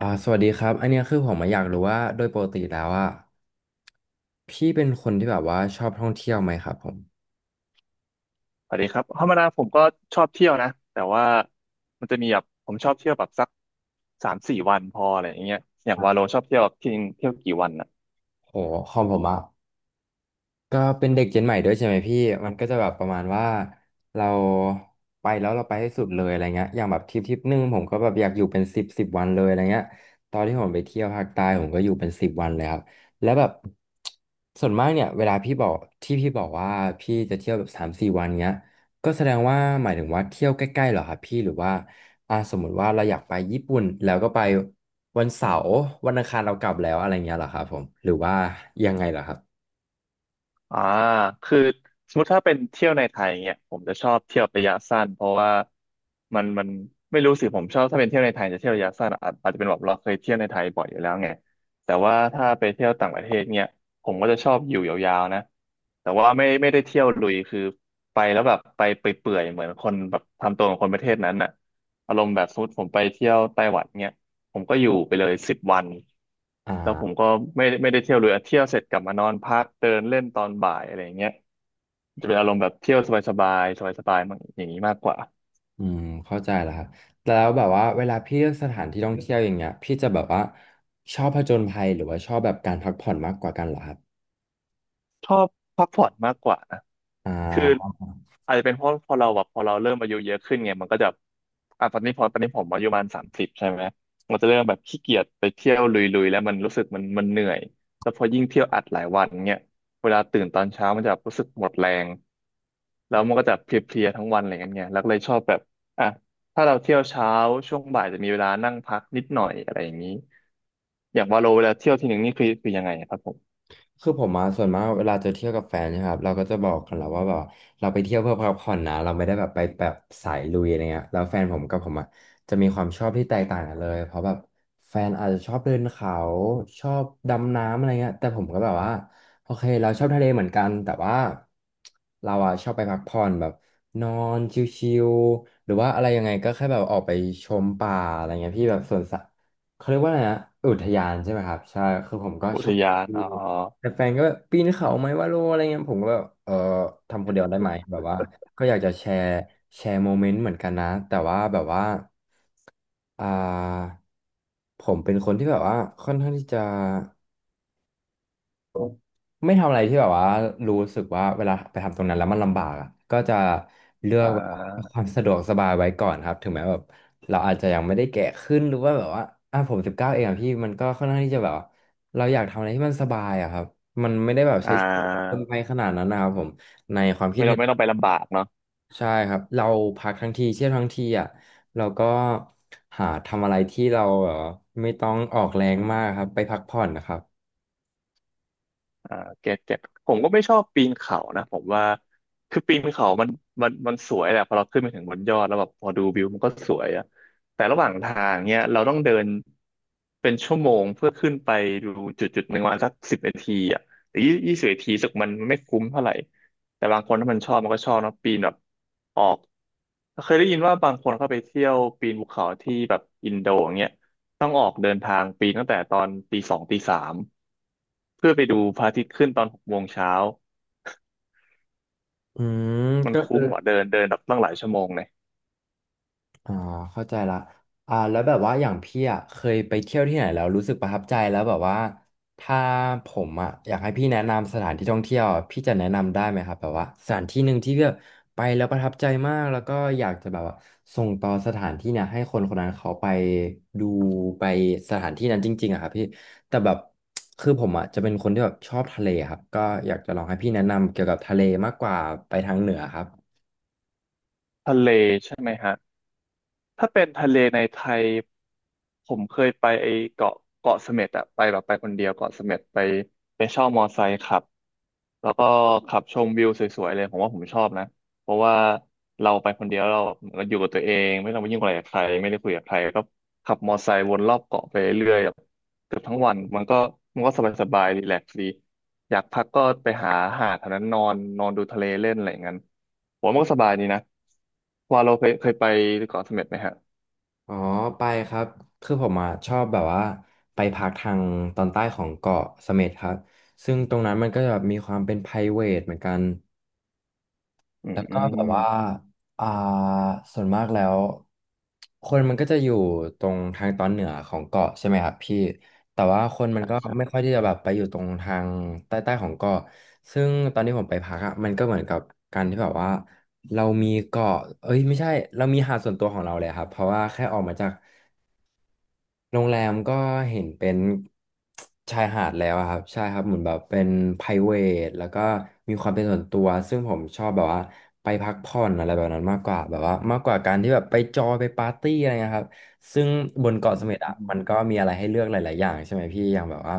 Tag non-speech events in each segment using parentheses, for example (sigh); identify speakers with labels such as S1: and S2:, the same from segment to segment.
S1: สวัสดีครับอันเนี้ยคือผมมาอยากรู้ว่าโดยปกติแล้วอ่ะพี่เป็นคนที่แบบว่าชอบท่องเที่ยวไหมครับผม
S2: สวัสดีครับธรรมดาผมก็ชอบเที่ยวนะ แต่ว่ามันจะมีแบบผมชอบเที่ยวแบบสัก3-4 วันพออะไรอย่างเงี้ยอย่างวาโลชอบเที่ยวแบบที่เที่ยวกี่วัน
S1: โหของผมอ่ะ ก็เป็นเด็กเจนใหม่ด้วยใช่ไหมพี่ มันก็จะแบบประมาณว่าเราไปแล้วเราไปให้สุดเลยอะไรเงี้ยอย่างแบบทริปหนึ่งผมก็แบบอยากอยู่เป็นสิบวันเลยอะไรเงี้ยตอนที่ผมไปเที่ยวภาคใต้ผมก็อยู่เป็นสิบวันเลยครับแล้วแบบส่วนมากเนี่ยเวลาพี่บอกที่พี่บอกว่าพี่จะเที่ยวแบบ3-4 วันเงี้ยก็แสดงว่าหมายถึงว่าเที่ยวใกล้ๆเหรอครับพี่หรือว่าสมมุติว่าเราอยากไปญี่ปุ่นแล้วก็ไปวันเสาร์วันอังคารเรากลับแล้วอะไรเงี้ยเหรอครับผมหรือว่ายังไงเหรอครับ
S2: อ่าคือสมมติถ้าเป็นเที่ยวในไทยเนี่ยผมจะชอบเที่ยวระยะสั้นเพราะว่ามันไม่รู้สิผมชอบถ้าเป็นเที่ยวในไทยจะเที่ยวระยะสั้นอาจจะเป็นแบบเราเคยเที่ยวในไทยบ่อยอยู่แล้วไงแต่ว่าถ้าไปเที่ยวต่างประเทศเนี่ยผมก็จะชอบอยู่ยาวๆนะแต่ว่าไม่ได้เที่ยวลุยคือไปแล้วแบบไปเปื่อยๆเหมือนคนแบบทำตัวของคนประเทศนั้นน่ะอารมณ์แบบสมมติผมไปเที่ยวไต้หวันเนี่ย ผมก็อยู่ไปเลย10 วัน
S1: อ
S2: แล้วผม
S1: ่า
S2: ก็ไม่ได้เที่ยวเลยเที่ยวเสร็จกลับมานอนพักเดินเล่นตอนบ่ายอะไรอย่างเงี้ยจะเป็นอารมณ์แบบเที่ยวสบายๆสบายๆมันอย่างนี้มากกว่า
S1: อืมเข้าใจแล้วครับแล้วแบบว่าเวลาพี่เลือกสถานที่ท่องเที่ยวอย่างเงี้ยพี่จะแบบว่าชอบผจญภัยหรือว่าชอบแบบการพักผ่อนมากกว่ากันเหรอครับ
S2: ชอบพักผ่อนมากกว่า
S1: อ่
S2: คือ
S1: า
S2: อาจจะเป็นเพราะพอเราแบบพอเราเริ่มอายุเยอะขึ้นไงมันก็จะตอนนี้พอตอนนี้ผมอายุประมาณ30ใช่ไหมมันจะเริ่มแบบขี้เกียจไปเที่ยวลุยๆแล้วมันรู้สึกมันเหนื่อยแล้วพอยิ่งเที่ยวอัดหลายวันเนี่ยเวลาตื่นตอนเช้ามันจะรู้สึกหมดแรงแล้วมันก็จะเพลียๆทั้งวันอะไรเงี้ยไงแล้วก็เลยชอบแบบอ่ะถ้าเราเที่ยวเช้าช่วงบ่ายจะมีเวลานั่งพักนิดหน่อยอะไรอย่างนี้อย่างว่าเราเวลาเที่ยวทีหนึ่งนี่คือยังไงครับผม
S1: คือผมมาส่วนมากเวลาจะเที่ยวกับแฟนเนะครับเราก็จะบอกกันแล้วว่าแบบเราไปเที่ยวเพื่อพักผ่อนนะเราไม่ได้แบบไปแบบสายลุยอะไรเงี้ยแล้วแฟนผมกับผมอ่ะจะมีความชอบที่แตกต่างกันเลยเพราะแบบแฟนอาจจะชอบเดินเขาชอบดำน้ำอะไรเงี้ยแต่ผมก็แบบว่าโอเคเราชอบทะเลเหมือนกันแต่ว่าเราอ่ะชอบไปพักผ่อนแบบนอนชิลๆหรือว่าอะไรยังไงก็แค่แบบออกไปชมป่าอะไรเงี้ยพี่แบบสวนสัตว์เขาเรียกว่าอะไรนะอุทยานใช่ไหมครับใช่คือผมก็
S2: อุ
S1: ช
S2: ท
S1: อบ
S2: ยานอ๋อ
S1: แต่แฟนก็แบบปีนเขาไหมว่าโลอะไรเงี้ยผมก็แบบเออทำคนเดียวได้ไหมแบบว่าก็อยากจะแชร์โมเมนต์เหมือนกันนะแต่ว่าแบบว่าอ่าผมเป็นคนที่แบบว่าค่อนข้างที่จะ ไม่ทำอะไรที่แบบว่ารู้สึกว่าเวลาไปทำตรงนั้นแล้วมันลำบากอะก็จะเลือ
S2: อ่
S1: กแบบว่าค
S2: า
S1: วามสะดวกสบายไว้ก่อนครับถึงแม้แบบเราอาจจะยังไม่ได้แก่ขึ้นหรือว่าแบบว่าอ่ะผม19เองอะพี่มันก็ค่อนข้างที่จะแบบว่าเราอยากทำอะไรที่มันสบายอะครับมันไม่ได้แบบ
S2: อ่
S1: ใช้ชีวิตเกินไป
S2: า
S1: ขนาดนั้นนะครับผม
S2: ไม่ต้องไม่ต้องไปลำบากเนาะ
S1: ใช่ครับเราพักทั้งทีเที่ยวทั้งทีอ่ะเราก็หาทำอะไรที่เราแบบว่าไม่ต้องออกแรงมากครับไปพักผ่อนนะครับ
S2: อ่าเก็ตผมก็ไม่ชอบปีนเขานะผมว่าคือปีนเขามันสวยแหละพอเราขึ้นไปถึงบนยอดแล้วแบบพอดูวิวมันก็สวยอะแต่ระหว่างทางเนี้ยเราต้องเดินเป็นชั่วโมงเพื่อขึ้นไปดูจุดจุดหนึ่งวันสักสิบนาทีอะหรือยี่สิบนาทีูสึกมันไม่คุ้มเท่าไหร่แต่บางคนถ้ามันชอบมันก็ชอบเนอะปีนแบบออกเคยได้ยินว่าบางคนเข้าไปเที่ยวปีนภูเขาที่แบบอินโดอย่างเงี้ยต้องออกเดินทางปีนตั้งแต่ตอนตี 2 ตี 3 เพื่อไปดูพระอาทิตย์ขึ้นตอน6 โมงเช้า
S1: อืม
S2: มัน
S1: ก็คื
S2: คุ้
S1: อ
S2: มว่าเดินเดินแบบตั้งหลายชั่วโมงเลย
S1: อ่าเข้าใจละแล้วแบบว่าอย่างพี่อ่ะเคยไปเที่ยวที่ไหนแล้วรู้สึกประทับใจแล้วแบบว่าถ้าผมอ่ะอยากให้พี่แนะนำสถานที่ท่องเที่ยวอะพี่จะแนะนำได้ไหมครับแบบว่าสถานที่หนึ่งที่พี่แบบไปแล้วประทับใจมากแล้วก็อยากจะแบบว่าส่งต่อสถานที่เนี่ยให้คนคนนั้นเขาไปดูไปสถานที่นั้นจริงๆอะครับพี่แต่แบบคือผมอ่ะจะเป็นคนที่แบบชอบทะเลครับก็อยากจะลองให้พี่แนะนำเกี่ยวกับทะเลมากกว่าไปทางเหนือครับ
S2: ทะเลใช่ไหมฮะถ้าเป็นทะเลในไทยผมเคยไปเกาะเสม็ดอะไปแบบไปคนเดียวเกาะเสม็ดไปเช่ามอไซค์ขับแล้วก็ขับชมวิวสวยๆเลยผมว่าผมชอบนะเพราะว่าเราไปคนเดียวเราเหมือนกับอยู่กับตัวเองไม่ต้องไปยุ่งอะไรกับใครไม่ได้คุยกับใครก็ขับมอไซค์วนรอบเกาะไปเรื่อย เกือบทั้งวันมันก็สบายสบายรีแลกซ์ดีอยากพักก็ไปหาหาดแถวนั้นนอนนอนดูทะเลเล่นอะไรอย่างนั้นผมว่ามันก็สบายดีนะว่าเราเคยไปเกาะเสม็ดไหมฮะ
S1: อ๋อไปครับคือผมอ่ะชอบแบบว่าไปพักทางตอนใต้ของเกาะเสม็ดครับซึ่งตรงนั้นมันก็จะแบบมีความเป็น private เหมือนกัน
S2: อื
S1: แล้
S2: ม
S1: ว
S2: อื
S1: ก็แบบ
S2: ม
S1: ว่าอ่าส่วนมากแล้วคนมันก็จะอยู่ตรงทางตอนเหนือของเกาะใช่ไหมครับพี่แต่ว่าคนมัน
S2: ใช่
S1: ก็
S2: ใช่
S1: ไม่ค่อยที่จะแบบไปอยู่ตรงทางใต้ๆของเกาะซึ่งตอนที่ผมไปพักอ่ะมันก็เหมือนกับการที่แบบว่าเรามีเกาะเอ้ยไม่ใช่เรามีหาดส่วนตัวของเราเลยครับเพราะว่าแค่ออกมาจาก โรงแรมก็เห็นเป็นชายหาดแล้วอะครับใช่ครับเหมือนแบบเป็นไ r รเ a ทแล้วก็มีความเป็นส่วนตัวซึ่งผมชอบแบบว่าไปพักผ่อนอะไรแบบนั้นมากกว่าแบบว่ามากกว่าการที่แบบไปจอยไปปาร์ตี้อะไรเงี้ยครับซึ่งบนเกาะ
S2: อื
S1: เส
S2: ม
S1: ม็ด
S2: อื
S1: อะ
S2: ม
S1: มันก็มีอะไรให้เลือกหลายๆอย่างใช่ไหมพี่อย่างแบบว่า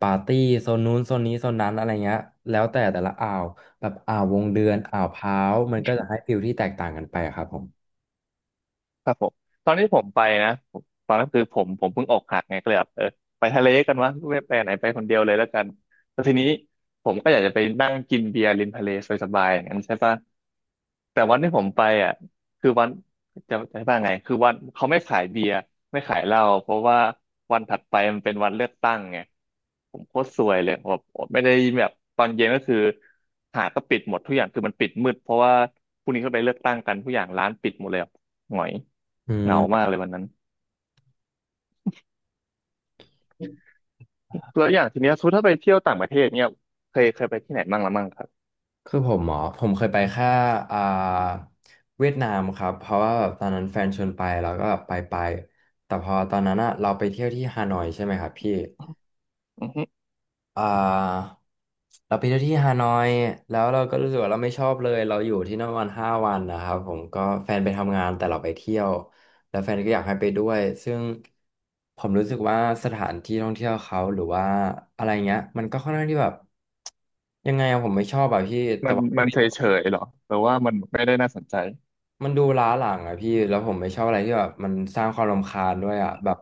S1: ปาร์ตี้โซนนู้นโซนนี้โซนนั้นอะไรเงี้ยแล้วแต่ละอ่าวแบบอ่าววงเดือนอ่าวพร้าวมันก็จะให้ฟิลที่แตกต่างกันไปอะครับผม
S2: ครับผมตอนนี้ผมไปนะผมตอนนั้นคือผมเพิ่งอกหักไงก็เลยแบบเออไปทะเลกันวะไม่ไปไหนไปคนเดียวเลยแล้วกันแล้วทีนี้ผมก็อยากจะไปนั่งกินเบียร์ริมทะเลสบายๆอย่างนั้นใช่ปะ แต่วันที่ผมไปอ่ะคือวันจะว่าไงคือวันเขาไม่ขายเบียร์ไม่ขายเหล้าเพราะว่าวันถัดไปมันเป็นวันเลือกตั้งไงผมโคตรซวยเลยผมไม่ได้แบบตอนเย็นก็คือหาดก็ปิดหมดทุกอย่างคือมันปิดมืดเพราะว่าพรุ่งนี้เขาไปเลือกตั้งกันทุกอย่างร้านปิดหมดเลยอะหงอย
S1: อื
S2: เหงามาก
S1: ม
S2: เลยวันนั้นแล้วอย่างทีเนี้ยสมมุติถ้าไปเที่ยวต่างประเทศเนี่ยเคยไปที่ไหนบ้างละมั่งครับ
S1: คือผมหมอผมเคยไปแค่อ่าเวียดนามครับเพราะว่าแบบตอนนั้นแฟนชวนไปแล้วก็ไปแต่พอตอนนั้นอะเราไปเที่ยวที่ฮานอยใช่ไหมครับพี่
S2: อือฮึ
S1: อ่าเราไปเที่ยวที่ฮานอยแล้วเราก็รู้สึกว่าเราไม่ชอบเลยเราอยู่ที่นั่นวัน5 วันนะครับผมก็แฟนไปทำงานแต่เราไปเที่ยวแล้วแฟนก็อยากให้ไปด้วยซึ่งผมรู้สึกว่าสถานที่ท่องเที่ยวเขาหรือว่าอะไรเงี้ยมันก็ค่อนข้างที่แบบยังไงอะผมไม่ชอบอะพี่แต่
S2: มัน
S1: ว่า
S2: มันเฉยเฉยหรอหรือว่ามันไม่ได้น่าสนใจ
S1: มันดูล้าหลังอะพี่แล้วผมไม่ชอบอะไรที่แบบมันสร้างความรำคาญด้วยอะแบบ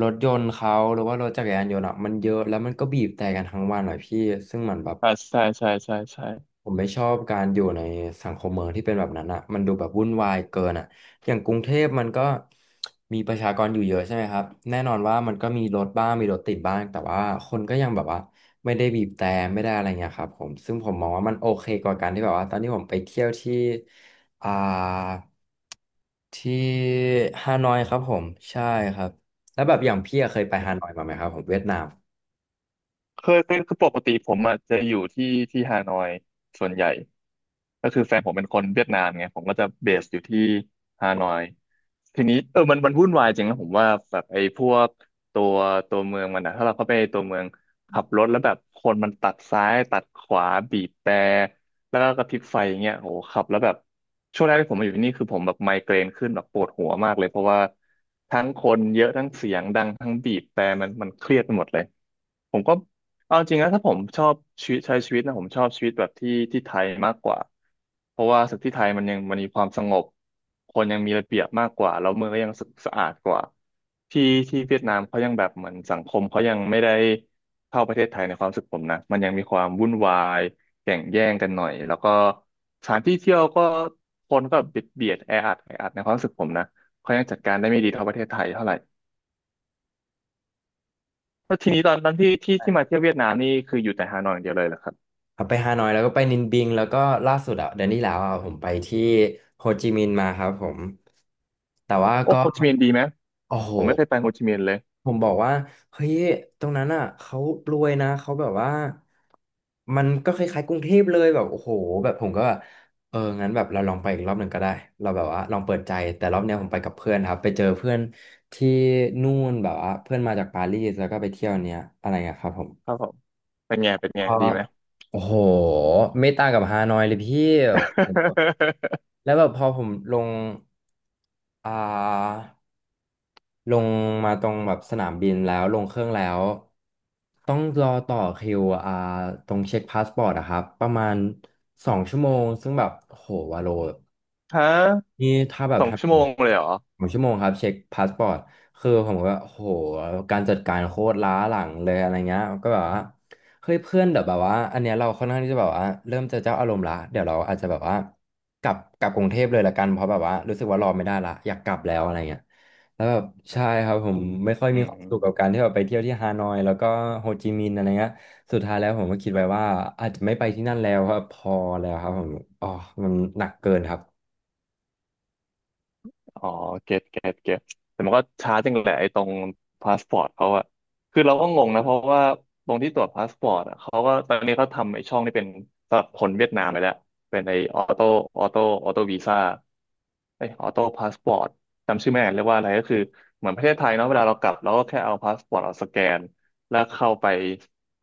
S1: รถยนต์เขาหรือว่ารถจักรยานยนต์อะมันเยอะแล้วมันก็บีบแต่กันทั้งวันอะพี่ซึ่งมันแบบ
S2: อ่าใช่ใช่ใช่ใช่
S1: ผมไม่ชอบการอยู่ในสังคมเมืองที่เป็นแบบนั้นอะมันดูแบบวุ่นวายเกินอะอย่างกรุงเทพมันก็มีประชากรอยู่เยอะใช่ไหมครับแน่นอนว่ามันก็มีรถบ้างมีรถติดบ้างแต่ว่าคนก็ยังแบบว่าไม่ได้บีบแต่ไม่ได้อะไรเงี้ยครับผมซึ่งผมมองว่ามันโอเคกว่าการที่แบบว่าตอนที่ผมไปเที่ยวที่อ่า ที่ฮานอยครับผมใช่ครับแล้วแบบอย่างพี่อะเคยไปฮานอยมาไหมครับผมเวียดนาม
S2: เคยเป็นคือปกติผมอ่ะจะอยู่ที่ที่ฮานอยส่วนใหญ่ก็คือแฟนผมเป็นคนเวียดนามไงผมก็จะเบสอยู่ที่ฮานอยทีนี้มันวุ่นวายจริงนะผมว่าแบบไอ้พวกตัวเมืองมันนะถ้าเราเข้าไปตัวเมืองขับรถแล้วแบบคนมันตัดซ้ายตัดขวาบีบแตรแล้วก็กระพริบไฟอย่างเงี้ยโหขับแล้วแบบช่วงแรกที่ผมมาอยู่ที่นี่คือผมแบบไมเกรนขึ้นแบบปวดหัวมากเลยเพราะว่าทั้งคนเยอะทั้งเสียงดังทั้งบีบแตรมันเครียดไปหมดเลย ผมก็เอาจริงนะถ้าผมชอบชีวิตใช้ชีวิตนะผมชอบชีวิตแบบที่ที่ไทยมากกว่าเพราะว่าสึกที่ไทยมันยังมันมีความสงบคนยังมีระเบียบมากกว่าแล้วเมืองก็ยังสะอาดกว่าที่ที่เวียดนามเขายังแบบเหมือนสังคมเขายังไม่ได้เท่าประเทศไทยในความรู้สึกผมนะมันยังมีความวุ่นวายแข่งแย่งกันหน่อยแล้วก็สถานที่เที่ยวก็คนก็เบียดเบียดแออัดแออัดในความรู้สึกผมนะเขายังจัดการได้ไม่ดีเท่าประเทศไทยเท่าไหร่ แล้วทีนี้ตอนนั้นที่ที่มาเที่ยวเวียดนามนี่คืออยู่แต่ฮานอยอย่างเดียวเลยเหรอครับ
S1: ครับไปฮานอยแล้วก็ไปนินบิงแล้วก็ล่าสุดอะเดือนที่แล้วอะผมไปที่โฮจิมินห์มาครับผมแต่ว่า
S2: โอ้
S1: ก็
S2: โฮจิมินห์ดีไหม
S1: โอ้โห
S2: ผมไม่เคยไปโฮจิมินห์เลย
S1: ผมบอกว่าเฮ้ยตรงนั้นอ่ะเขารวยนะเขาแบบว่ามันก็คล้ายๆกรุงเทพเลยแบบโอ้โหแบบผมก็แบบเอองั้นแบบเราลองไปอีกรอบหนึ่งก็ได้เราแบบว่าลองเปิดใจแต่รอบเนี้ยผมไปกับเพื่อนครับไปเจอเพื่อนที่นู่นแบบว่าเพื่อนมาจากปารีสแล้วก็ไปเที่ยวเนี้ยอะไรอะครับผม
S2: ครับผมเป็นไงเป็นไง
S1: ก็
S2: ดีไหม
S1: โอ้โหไม่ต่างกับฮานอยเลยพี่ผม
S2: (laughs)
S1: แล้วแบบพอผมลงอ่า ลงมาตรงแบบสนามบินแล้วลงเครื่องแล้วต้องรอต่อคิวอ่าตรงเช็คพาสปอร์ตอะครับประมาณสองชั่วโมงซึ่งแบบโหวาโล
S2: ฮะ
S1: นี่ถ้าแบบ
S2: สอง
S1: ทำอ
S2: ชั่ว
S1: ย่าง
S2: โม
S1: เงี้
S2: ง
S1: ย
S2: เลยเหรอ
S1: สองชั่วโมงครับเช็คพาสปอร์ตคือผมก็โหการจัดการโคตรล้าหลังเลยอะไรเงี้ยก็แบบว่าเฮ้ยเพื่อนเดี๋ยวแบบว่าอันเนี้ยเราค่อนข้างที่จะแบบว่าเริ่มจะเจ้าอารมณ์ละเดี๋ยวเราอาจจะแบบว่ากลับกรุงเทพเลยละกันเพราะแบบว่ารู้สึกว่ารอไม่ได้ละอยากกลับแล้วอะไรเงี้ย แล้วแบบใช่ครับผมไม่ค่อย
S2: อื
S1: มีความสุขกับการ
S2: ม
S1: ที่แบบไปเที่ยวที่ฮานอยแล้วก็โฮจิมินห์อะไรเงี้ยสุดท้ายแล้วผมก็คิดไว้ว่าอาจจะไม่ไปที่นั่นแล้วครับพอแล้วครับผมอ๋อมันหนักเกินครับ
S2: อ๋อเก็ตเก็ตเก็ตแต่มันก็ช้าจังแหละไอ้ตรงพาสปอร์ตเขาอะคือเราก็งงนะเพราะว่าตรงที่ตรวจพาสปอร์ตอะเขาก็ตอนนี้เขาทำไอ้ช่องนี่เป็นสำหรับคนเวียดนามไปแล้วเป็นไอ้ออโต้ออโต้วีซ่าไอ้ออโต้พาสปอร์ตจำชื่อไม่ได้เรียกว่าอะไรก็คือเหมือนประเทศไทยเนาะเวลาเรากลับเราก็แค่เอาพาสปอร์ตเราสแกนแล้วเข้าไป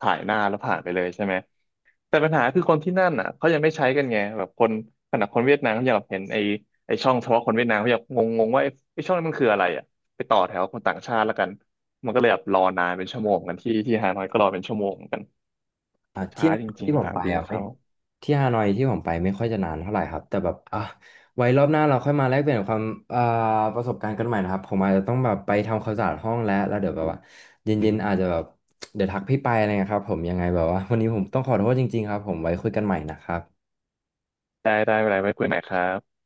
S2: ถ่ายหน้าแล้วผ่านไปเลยใช่ไหม แต่ปัญหาคือคนที่นั่นอ่ะเขายังไม่ใช้กันไงแบบคนขนาดคนเวียดนามเขายังแบบเห็นไอ้ช่องเฉพาะคนเวียดนามเขายังงงงว่าไอ้ช่องนั้นมันคืออะไรอ่ะไปต่อแถวคนต่างชาติแล้วกันมันก็เลยแบบรอนานเป็นชั่วโมงเหมือนกันที่ที่ฮานอยก็รอเป็นชั่วโมงเหมือนกัน
S1: อ่ะที่
S2: ช้าจริง
S1: ที่ผ
S2: ๆส
S1: ม
S2: นา
S1: ไป
S2: มบิน
S1: อ่ะไม่
S2: เขา
S1: ที่ฮานอยที่ผมไปไม่ค่อยจะนานเท่าไหร่ครับแต่แบบอ่ะไว้รอบหน้าเราค่อยมาแลกเปลี่ยนความอ่าประสบการณ์กันใหม่นะครับผมอาจจะต้องแบบไปทำความสะอาดห้องแล้วแล้วเดี๋ยวแบบว่าเย็นๆอาจจะแบบเดี๋ยวทักพี่ไปอะไรเงี้ยครับผมยังไงแบบว่าวันนี้ผมต้องขอโทษจริงๆครับผมไว้คุยกันใหม่นะครับ
S2: ได้ได้เวลาไว้คุยใหม่ครับ